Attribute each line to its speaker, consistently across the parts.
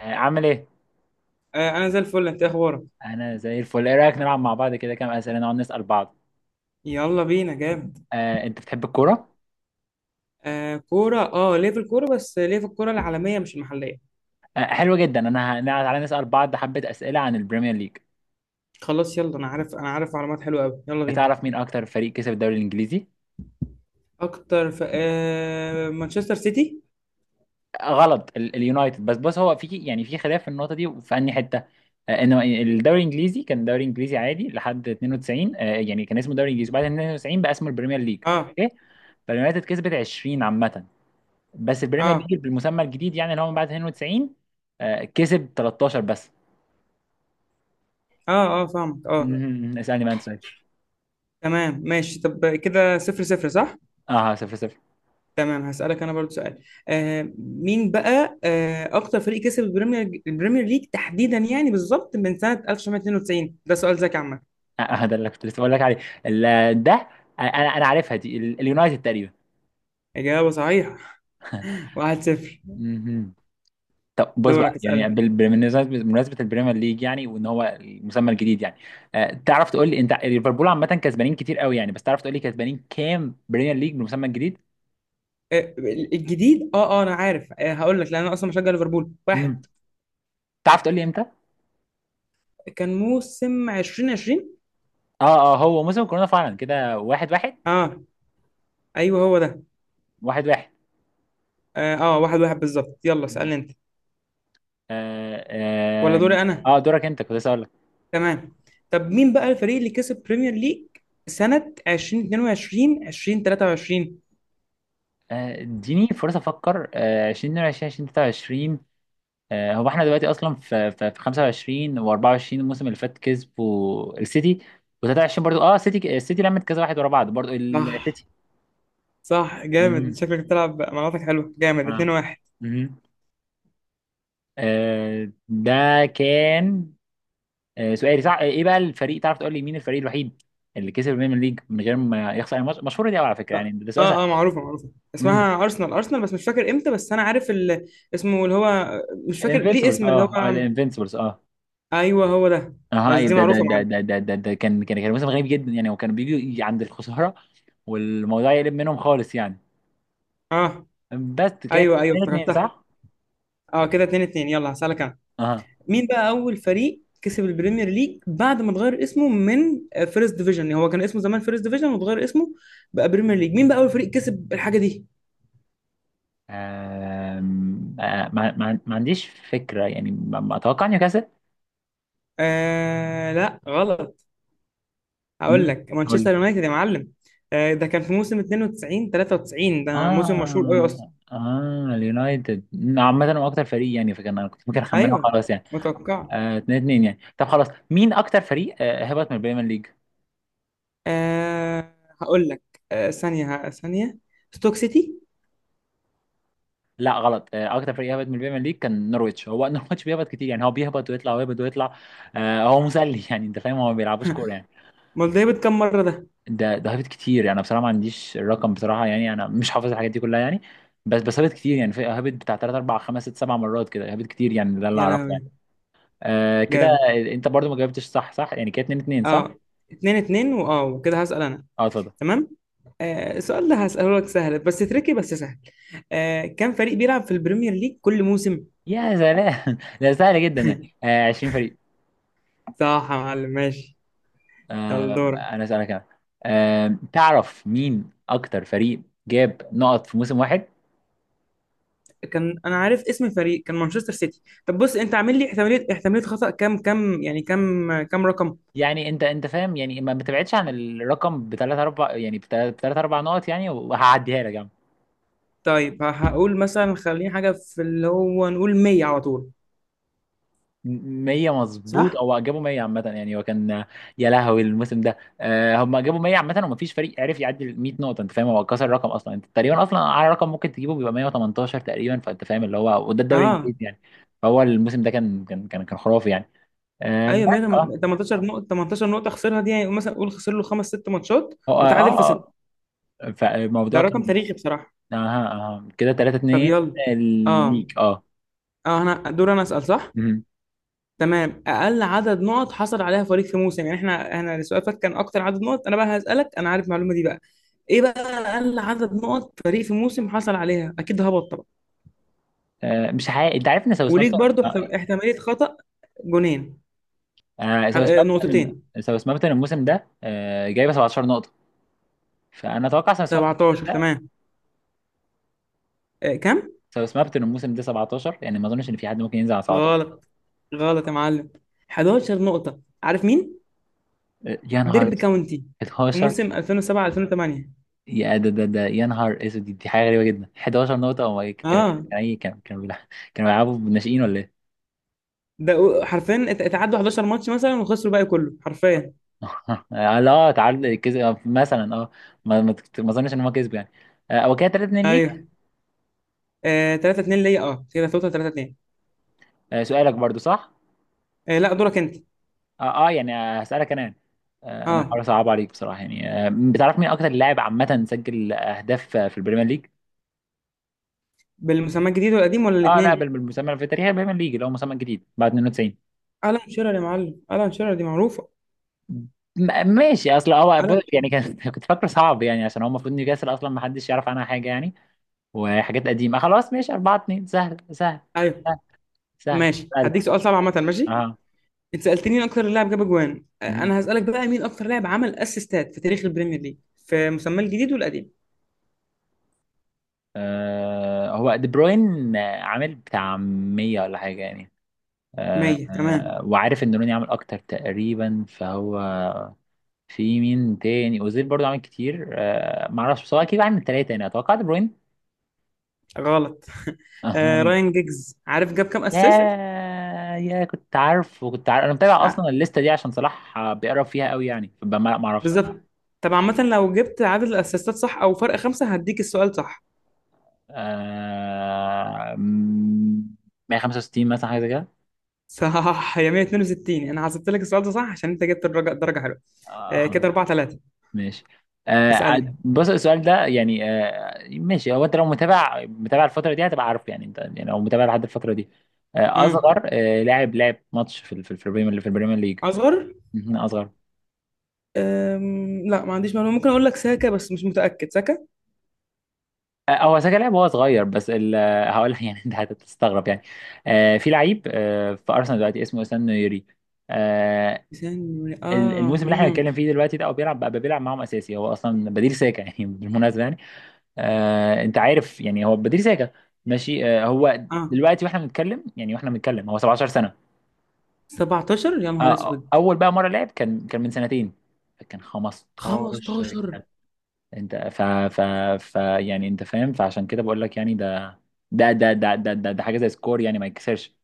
Speaker 1: عامل ايه؟
Speaker 2: آه، انا زي الفل. انت إيه اخبارك؟
Speaker 1: انا زي الفل. ايه رايك نلعب مع بعض كده كام اسئله نقعد نسال بعض؟
Speaker 2: يلا بينا، جامد.
Speaker 1: انت بتحب الكوره؟
Speaker 2: آه، كوره، ليه في الكوره، بس ليه في الكوره العالميه مش المحليه.
Speaker 1: حلو جدا. تعالى نسال بعض حبه اسئله عن البريمير ليج.
Speaker 2: خلاص يلا، انا عارف معلومات حلوه قوي، يلا بينا.
Speaker 1: تعرف مين اكتر فريق كسب الدوري الانجليزي؟
Speaker 2: اكتر، في مانشستر سيتي.
Speaker 1: غلط. اليونايتد. بس بص، هو في يعني في خلاف في النقطه دي، في انهي حته؟ انه الدوري الانجليزي كان دوري انجليزي عادي لحد 92. يعني كان اسمه دوري انجليزي، بعد 92 بقى اسمه البريمير ليج.
Speaker 2: اه،
Speaker 1: اوكي. فاليونايتد كسبت 20 عامه. بس البريمير
Speaker 2: اه،
Speaker 1: ليج بالمسمى الجديد يعني اللي هو من بعد 92 كسب 13 بس.
Speaker 2: اه، اه فاهمك، اه.
Speaker 1: مم. اسألني بقى انت سؤال.
Speaker 2: تمام ماشي. طب كده صفر صفر، صح؟
Speaker 1: اه، 0-0.
Speaker 2: تمام، هسألك انا برضو سؤال. مين بقى اكتر فريق كسب البريمير ليج تحديدا، يعني بالظبط من سنة 1992. ده سؤال ذكي عامة.
Speaker 1: ده اللي كنت لسه بقول لك عليه. ده. انا. انا عارفها دي، اليونايتد تقريبا.
Speaker 2: إجابة صحيحة. 1-0.
Speaker 1: مهم. طب بص بقى
Speaker 2: دورك اسألني.
Speaker 1: يعني، بالمناسبة، بمناسبة البريمير ليج يعني، وان هو المسمى الجديد يعني. تعرف تقول لي انت، ليفربول عامة كسبانين كتير قوي يعني، بس تعرف تقول لي كسبانين كام بريمير ليج بالمسمى الجديد؟
Speaker 2: آه، الجديد. اه انا عارف. هقول لك لان انا اصلا بشجع ليفربول واحد.
Speaker 1: مم. تعرف تقول لي امتى؟
Speaker 2: كان موسم 2020.
Speaker 1: اه هو موسم كورونا فعلا كده. 1-1.
Speaker 2: اه، ايوه، هو ده.
Speaker 1: واحد واحد.
Speaker 2: اه، آه، واحد واحد بالظبط. يلا
Speaker 1: مم.
Speaker 2: اسالني انت.
Speaker 1: اه
Speaker 2: ولا
Speaker 1: اه.
Speaker 2: دوري انا؟
Speaker 1: دورك انت، كنت لسه اقول لك.
Speaker 2: تمام. طب مين بقى الفريق اللي كسب بريمير ليج سنة 2022 2023؟
Speaker 1: اديني فرصة افكر. 2022 2023. هو احنا دلوقتي اصلا في 25 و24. الموسم اللي فات كسبوا السيتي، و23 برضو اه سيتي. السيتي لمت كذا واحد ورا بعض، برضو
Speaker 2: صح،
Speaker 1: السيتي.
Speaker 2: صح، جامد.
Speaker 1: مهم.
Speaker 2: شكلك بتلعب مناطق حلوة، جامد.
Speaker 1: اه.
Speaker 2: 2 1.
Speaker 1: مهم. ده كان. سؤالي صح. ايه بقى الفريق؟ تعرف تقول لي مين الفريق الوحيد اللي كسب البريمير ليج من غير ما يخسر الماتش؟ مشهورة دي قوي على فكرة يعني، ده سؤال سهل.
Speaker 2: اه، اه، معروفة، معروفة.
Speaker 1: امم.
Speaker 2: اسمها ارسنال، ارسنال، بس مش فاكر امتى، بس انا عارف ال. اسمه اللي هو. مش فاكر ليه
Speaker 1: الانفينسيبلز.
Speaker 2: اسم، اللي
Speaker 1: اه
Speaker 2: هو.
Speaker 1: الانفينسيبلز، اه.
Speaker 2: ايوه، هو ده. بس
Speaker 1: هاي
Speaker 2: دي
Speaker 1: ده فاكر.
Speaker 2: معروفه يا
Speaker 1: ده ده
Speaker 2: معلم.
Speaker 1: ده ده ده, ده كان موسم غريب جدا يعني، وكانوا بيجوا عند الخسارة والموضوع يقلب منهم خالص يعني.
Speaker 2: اه،
Speaker 1: بس كانت
Speaker 2: ايوه، ايوه،
Speaker 1: 2 2
Speaker 2: افتكرتها.
Speaker 1: صح؟
Speaker 2: اه كده 2 2. يلا هسألك انا
Speaker 1: اها.
Speaker 2: مين بقى اول فريق كسب البريمير ليج بعد ما اتغير اسمه من فيرست ديفيجن. هو كان اسمه زمان فيرست ديفيجن واتغير اسمه بقى بريمير ليج. مين بقى اول فريق كسب الحاجه دي؟
Speaker 1: آم، آه، ما عنديش فكرة يعني. ما ما اتوقع نيوكاسل.
Speaker 2: آه، لا، غلط. هقول
Speaker 1: مين؟
Speaker 2: لك
Speaker 1: قول
Speaker 2: مانشستر
Speaker 1: لي.
Speaker 2: يونايتد يا معلم. آه، ده كان في موسم 92 93. ده موسم مشهور قوي اصلا.
Speaker 1: اه اه، اليونايتد. عامة هو اكتر فريق يعني، فكان انا كنت ممكن اخمنه
Speaker 2: ايوه،
Speaker 1: خلاص يعني.
Speaker 2: متوقع.
Speaker 1: 2 2 يعني. طب خلاص، مين اكتر فريق هبط من البريمير ليج؟
Speaker 2: آه، هقول لك. آه، ثانيه، ثانيه. ستوك سيتي.
Speaker 1: لا غلط. اكتر فريق هبط من البريمير ليج كان نورويتش، هو نورويتش بيهبط كتير يعني، هو بيهبط ويطلع ويهبط ويطلع. هو مسلي يعني، انت فاهم، هو ما بيلعبوش كوره يعني.
Speaker 2: امال ده كام مرة ده؟
Speaker 1: ده هبط كتير يعني. انا بصراحه ما عنديش الرقم بصراحه يعني، انا مش حافظ الحاجات دي كلها يعني. بس هبط كتير يعني، هبط بتاع 3 4 5 6 7 مرات كده. هبط كتير يعني، ده اللي
Speaker 2: يا
Speaker 1: اعرفه
Speaker 2: لهوي.
Speaker 1: يعني. كده.
Speaker 2: جامد.
Speaker 1: انت برضو ما جاوبتش صح صح يعني، كده 2 2 صح.
Speaker 2: اه، اتنين اتنين، واه وكده هسأل انا.
Speaker 1: اه، اتفضل.
Speaker 2: تمام. آه، السؤال ده هسأله لك سهل، بس تريكي، بس سهل. كم فريق بيلعب في البريمير ليج كل موسم؟
Speaker 1: يا سلام ده سهل جدا يعني. 20 فريق.
Speaker 2: صح يا معلم، ماشي. يلا دورك.
Speaker 1: انا اسالك انا. تعرف مين اكتر فريق جاب نقط في موسم واحد؟
Speaker 2: كان انا عارف اسم الفريق، كان مانشستر سيتي. طب بص انت عامل لي احتمالية خطأ، كام كام، يعني كام كام رقم؟
Speaker 1: يعني انت فاهم يعني، ما بتبعدش عن الرقم بثلاث اربع يعني، بثلاث اربع نقط يعني، وهعديها لك يعني.
Speaker 2: طيب هقول مثلا، خليني حاجة في، اللي هو، نقول 100 على طول.
Speaker 1: 100 مظبوط.
Speaker 2: صح.
Speaker 1: او جابوا 100 عامه يعني، هو كان يا لهوي. الموسم ده هم جابوا 100 عامه، ومفيش فريق عرف يعدي ال 100 نقطه. انت فاهم، هو كسر الرقم اصلا. انت تقريبا اصلا اعلى رقم ممكن تجيبه بيبقى 118 تقريبا، فانت فاهم اللي هو، وده الدوري
Speaker 2: اه،
Speaker 1: الانجليزي يعني. فهو الموسم ده كان خرافي يعني. بس.
Speaker 2: ايوه،
Speaker 1: آه.
Speaker 2: 100. 18 نقطه، 18 نقطه خسرها دي. يعني مثلا قول خسر له خمس ست ماتشات
Speaker 1: اه
Speaker 2: وتعادل
Speaker 1: آه،
Speaker 2: في سته. ده
Speaker 1: فالموضوع
Speaker 2: رقم
Speaker 1: كان
Speaker 2: تاريخي بصراحه.
Speaker 1: اها اها كده 3
Speaker 2: طب
Speaker 1: 2
Speaker 2: يلا. اه،
Speaker 1: ليك. اه.
Speaker 2: اه، انا دور، انا اسال، صح؟
Speaker 1: مهم.
Speaker 2: تمام، اقل عدد نقط حصل عليها فريق في موسم، يعني احنا السؤال فات كان اكتر عدد نقط، انا بقى هسالك، انا عارف المعلومه دي بقى. ايه بقى اقل عدد نقط فريق في موسم حصل عليها؟ اكيد هبط طبعا.
Speaker 1: مش حقيقي؟ انت عارف ان
Speaker 2: وليك
Speaker 1: ساوثهامبتون.
Speaker 2: برضو احتماليه خطا. جونين.
Speaker 1: ساوثهامبتون.
Speaker 2: نقطتين.
Speaker 1: ساوثهامبتون الموسم ده جايبه 17 نقطه. فانا اتوقع ساوثهامبتون
Speaker 2: 17،
Speaker 1: الموسم ده.
Speaker 2: تمام. كم؟
Speaker 1: ساوثهامبتون الموسم ده 17 يعني، ما اظنش ان في حد ممكن ينزل على 17.
Speaker 2: غلط، غلط يا معلم. 11 نقطة. عارف مين؟
Speaker 1: يا نهار
Speaker 2: ديربي
Speaker 1: اسود.
Speaker 2: كاونتي في
Speaker 1: 11.
Speaker 2: موسم 2007 2008.
Speaker 1: يا ده يا نهار اسود. دي حاجه غريبه جدا. 11 نقطه؟ هو إيه؟ كان كان
Speaker 2: اه،
Speaker 1: كان إيه؟ كانوا بيلعبوا بالناشئين ولا إيه؟
Speaker 2: ده حرفيا اتعدوا 11 ماتش مثلا وخسروا الباقي كله حرفيا.
Speaker 1: لا، تعادل، كسب مثلا اه. ما اظنش ان هو كسب يعني. هو كده 3 2 ليك.
Speaker 2: ايوه. آه، 3 2 ليا. اه كده توتال 3 2.
Speaker 1: سؤالك برضو صح.
Speaker 2: آه، لا، دورك انت.
Speaker 1: يعني هسألك انا. انا هحاول
Speaker 2: اه،
Speaker 1: اصعب عليك بصراحة يعني. بتعرف مين اكتر لاعب عامة سجل اهداف في البريمير ليج؟
Speaker 2: بالمسمى الجديد والقديم ولا
Speaker 1: اه لا،
Speaker 2: الاثنين؟
Speaker 1: بالمسمى، في تاريخ البريمير ليج اللي هو مسمى جديد بعد 92.
Speaker 2: الان شيرر يا معلم، الان شيرر دي معروفة.
Speaker 1: ماشي. اصل هو
Speaker 2: الان شيرر.
Speaker 1: يعني كان كنت فاكره صعب يعني، عشان هو المفروض نيوكاسل اصلا ما حدش يعرف عنها حاجة يعني. وحاجات قديمة خلاص. ماشي 4 2. سهل سهل.
Speaker 2: ايوه.
Speaker 1: سهل. سهل.
Speaker 2: ماشي،
Speaker 1: سهل
Speaker 2: هديك سؤال صعب عامة، ماشي؟
Speaker 1: اه.
Speaker 2: انت سألتني مين اكتر لاعب جاب اجوان. انا هسألك بقى مين اكتر لاعب عمل اسيستات في تاريخ البريمير ليج، في مسمى الجديد والقديم.
Speaker 1: هو دي بروين، عامل بتاع 100 ولا حاجة يعني.
Speaker 2: 100، تمام.
Speaker 1: وعارف ان روني عامل اكتر تقريبا فهو. في مين تاني؟ اوزيل برضو عامل كتير معرفش، بس هو اكيد عامل 3 يعني، اتوقع دي بروين.
Speaker 2: غلط.
Speaker 1: هما مين؟
Speaker 2: راين جيجز، عارف جاب كام
Speaker 1: يا.
Speaker 2: اسيست؟
Speaker 1: كنت عارف. وكنت عارف، انا متابع اصلا الليستة دي عشان صلاح بيقرب فيها قوي يعني، فما معرفش.
Speaker 2: بالظبط. طب عامة لو جبت عدد الاسيستات صح او فرق خمسة هديك السؤال صح.
Speaker 1: آه م- 165 مثلا حاجة زي كده.
Speaker 2: صح، يا 162، انا حسبت لك السؤال ده صح عشان انت جبت الدرجة، درجة حلوة. آه كده
Speaker 1: آه.
Speaker 2: 4 3.
Speaker 1: ماشي.
Speaker 2: اسألني.
Speaker 1: بص السؤال ده يعني ماشي، هو انت لو متابع الفتره دي هتبقى عارف يعني، انت يعني لو متابع لحد الفتره دي.
Speaker 2: امم
Speaker 1: اصغر لاعب لعب ماتش في البريمير، اللي في البريمير ليج.
Speaker 2: اصغر.
Speaker 1: مهم، اصغر.
Speaker 2: لا، ما عنديش معلومة. ممكن اقول لك ساكا، بس مش متأكد ساكا.
Speaker 1: هو ساكا لعب وهو صغير، بس هقول لك يعني انت هتستغرب يعني. في لعيب في ارسنال دلوقتي اسمه اسام نويري. آه.
Speaker 2: ثانية،
Speaker 1: الموسم اللي احنا بنتكلم فيه دلوقتي ده هو بيلعب بقى معاهم اساسي. هو اصلا بديل ساكا يعني بالمناسبه. انت عارف يعني هو بديل ساكا. ماشي. هو
Speaker 2: اه
Speaker 1: دلوقتي واحنا بنتكلم يعني واحنا بنتكلم هو 17 سنه.
Speaker 2: 17 يا نهار اسود.
Speaker 1: اول بقى مره لعب كان من 2 سنين. كان 15
Speaker 2: 15.
Speaker 1: سنه. انت ف ف ف يعني انت فاهم، فعشان كده بقول لك يعني ده حاجه زي سكور يعني ما يتكسرش.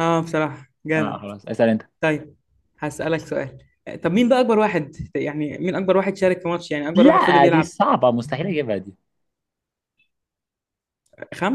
Speaker 2: اه بصراحة
Speaker 1: اه
Speaker 2: جامد.
Speaker 1: خلاص، اسال انت.
Speaker 2: طيب، هسألك سؤال. طب مين بقى أكبر واحد، يعني مين أكبر واحد شارك في ماتش، يعني أكبر واحد فضل
Speaker 1: لا دي
Speaker 2: يلعب؟
Speaker 1: صعبه، مستحيل اجيبها دي.
Speaker 2: خم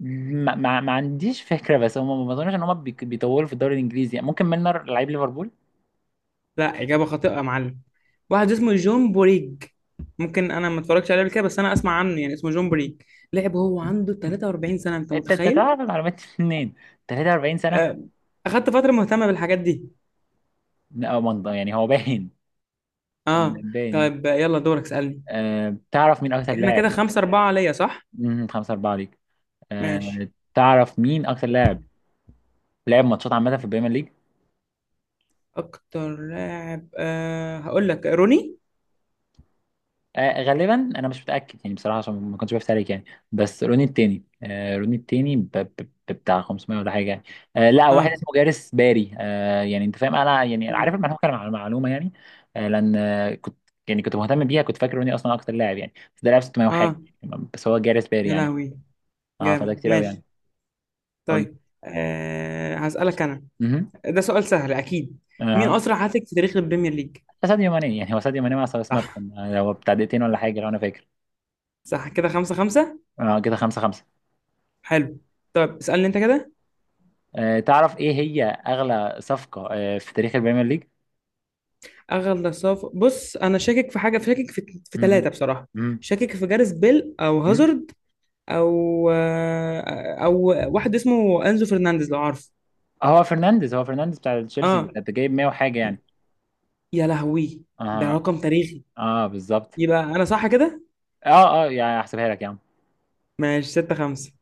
Speaker 1: ما عنديش فكره، بس هم ما اظنش ان هم بيطولوا في الدوري الانجليزي يعني، ممكن ميلنر لعيب ليفربول.
Speaker 2: لا، إجابة خاطئة يا معلم. واحد اسمه جون بوريج. ممكن أنا ما اتفرجتش عليه قبل كده، بس أنا أسمع عنه، يعني اسمه جون بوريج. لعب هو عنده 43 سنة، أنت
Speaker 1: انت
Speaker 2: متخيل؟
Speaker 1: تعرف المعلومات دي منين؟ 43 سنة؟
Speaker 2: آه، أخدت فترة مهتمة بالحاجات دي.
Speaker 1: او منض يعني، هو باين.
Speaker 2: أه.
Speaker 1: باين يعني.
Speaker 2: طيب، يلا دورك اسألني.
Speaker 1: تعرف مين اكتر
Speaker 2: إحنا
Speaker 1: لاعب.
Speaker 2: كده خمسة أربعة ليا، صح؟
Speaker 1: مم، 5-4 ليك.
Speaker 2: ماشي.
Speaker 1: تعرف مين اكتر لاعب لعب ماتشات عامة في البريمير ليج؟
Speaker 2: أكتر لاعب، هقول لك روني.
Speaker 1: غالبا انا مش متاكد يعني بصراحه، عشان ما كنتش بفتح عليك يعني. بس روني التاني، بتاع 500 ولا حاجه يعني. لا، واحد
Speaker 2: أه،
Speaker 1: اسمه جارس باري. يعني انت فاهم، انا يعني عارف
Speaker 2: لا.
Speaker 1: المعلومه، معلومه يعني. لان كنت، يعني كنت مهتم بيها، كنت فاكر روني اصلا اكتر لاعب يعني، بس ده لاعب 600 وحاجه
Speaker 2: أه.
Speaker 1: يعني. بس هو جارس باري
Speaker 2: يا
Speaker 1: يعني.
Speaker 2: لهوي،
Speaker 1: اه فده
Speaker 2: جامد،
Speaker 1: كتير قوي يعني.
Speaker 2: ماشي.
Speaker 1: قول لي.
Speaker 2: طيب، أه هسألك أنا. ده سؤال سهل أكيد. مين
Speaker 1: اها.
Speaker 2: أسرع هاتريك في تاريخ البريمير ليج؟
Speaker 1: اه، ساديو ماني يعني، هو ساديو ماني مع سماب،
Speaker 2: صح.
Speaker 1: كان هو بتاع 2 دقايق ولا حاجه لو انا فاكر.
Speaker 2: صح، كده خمسة خمسة.
Speaker 1: اه كده 5 5.
Speaker 2: حلو. طب اسألني أنت كده.
Speaker 1: تعرف ايه هي اغلى صفقه في تاريخ البريمير ليج؟
Speaker 2: أغلى بص، أنا شاكك في حاجة، شاكك في
Speaker 1: مم.
Speaker 2: ثلاثة بصراحة.
Speaker 1: مم.
Speaker 2: شاكك في جاريس بيل أو
Speaker 1: مم.
Speaker 2: هازارد، أو واحد اسمه أنزو فرنانديز، لو عارف.
Speaker 1: هو فرنانديز بتاع تشيلسي، ده
Speaker 2: أه،
Speaker 1: ده جايب 100 وحاجه يعني.
Speaker 2: يا لهوي. ده
Speaker 1: اه.
Speaker 2: رقم تاريخي.
Speaker 1: اه بالظبط.
Speaker 2: يبقى أنا صح كده؟
Speaker 1: اه اه يعني، هحسبها لك يا عم.
Speaker 2: ماشي، ستة خمسة.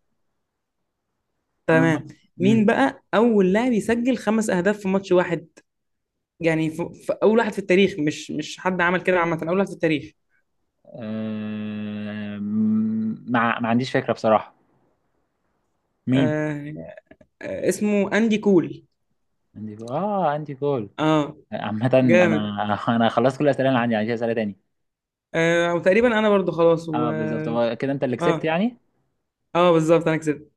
Speaker 1: مم.
Speaker 2: تمام.
Speaker 1: مم.
Speaker 2: مين بقى أول لاعب يسجل خمس أهداف في ماتش واحد؟ يعني اول واحد في التاريخ، مش حد عمل كده عامه، اول واحد في التاريخ.
Speaker 1: آم، ما عنديش فكره بصراحه. مين؟
Speaker 2: آه. آه، اسمه اندي كول.
Speaker 1: عندي جول، اه عندي جول.
Speaker 2: اه.
Speaker 1: عامه
Speaker 2: جامد.
Speaker 1: انا خلصت كل الاسئله اللي عندي يعني، مش اسئله تاني.
Speaker 2: وتقريبا انا برضو خلاص و.
Speaker 1: اه بالظبط، هو كده انت اللي كسبت
Speaker 2: اه،
Speaker 1: يعني.
Speaker 2: اه، بالظبط، انا كسبت.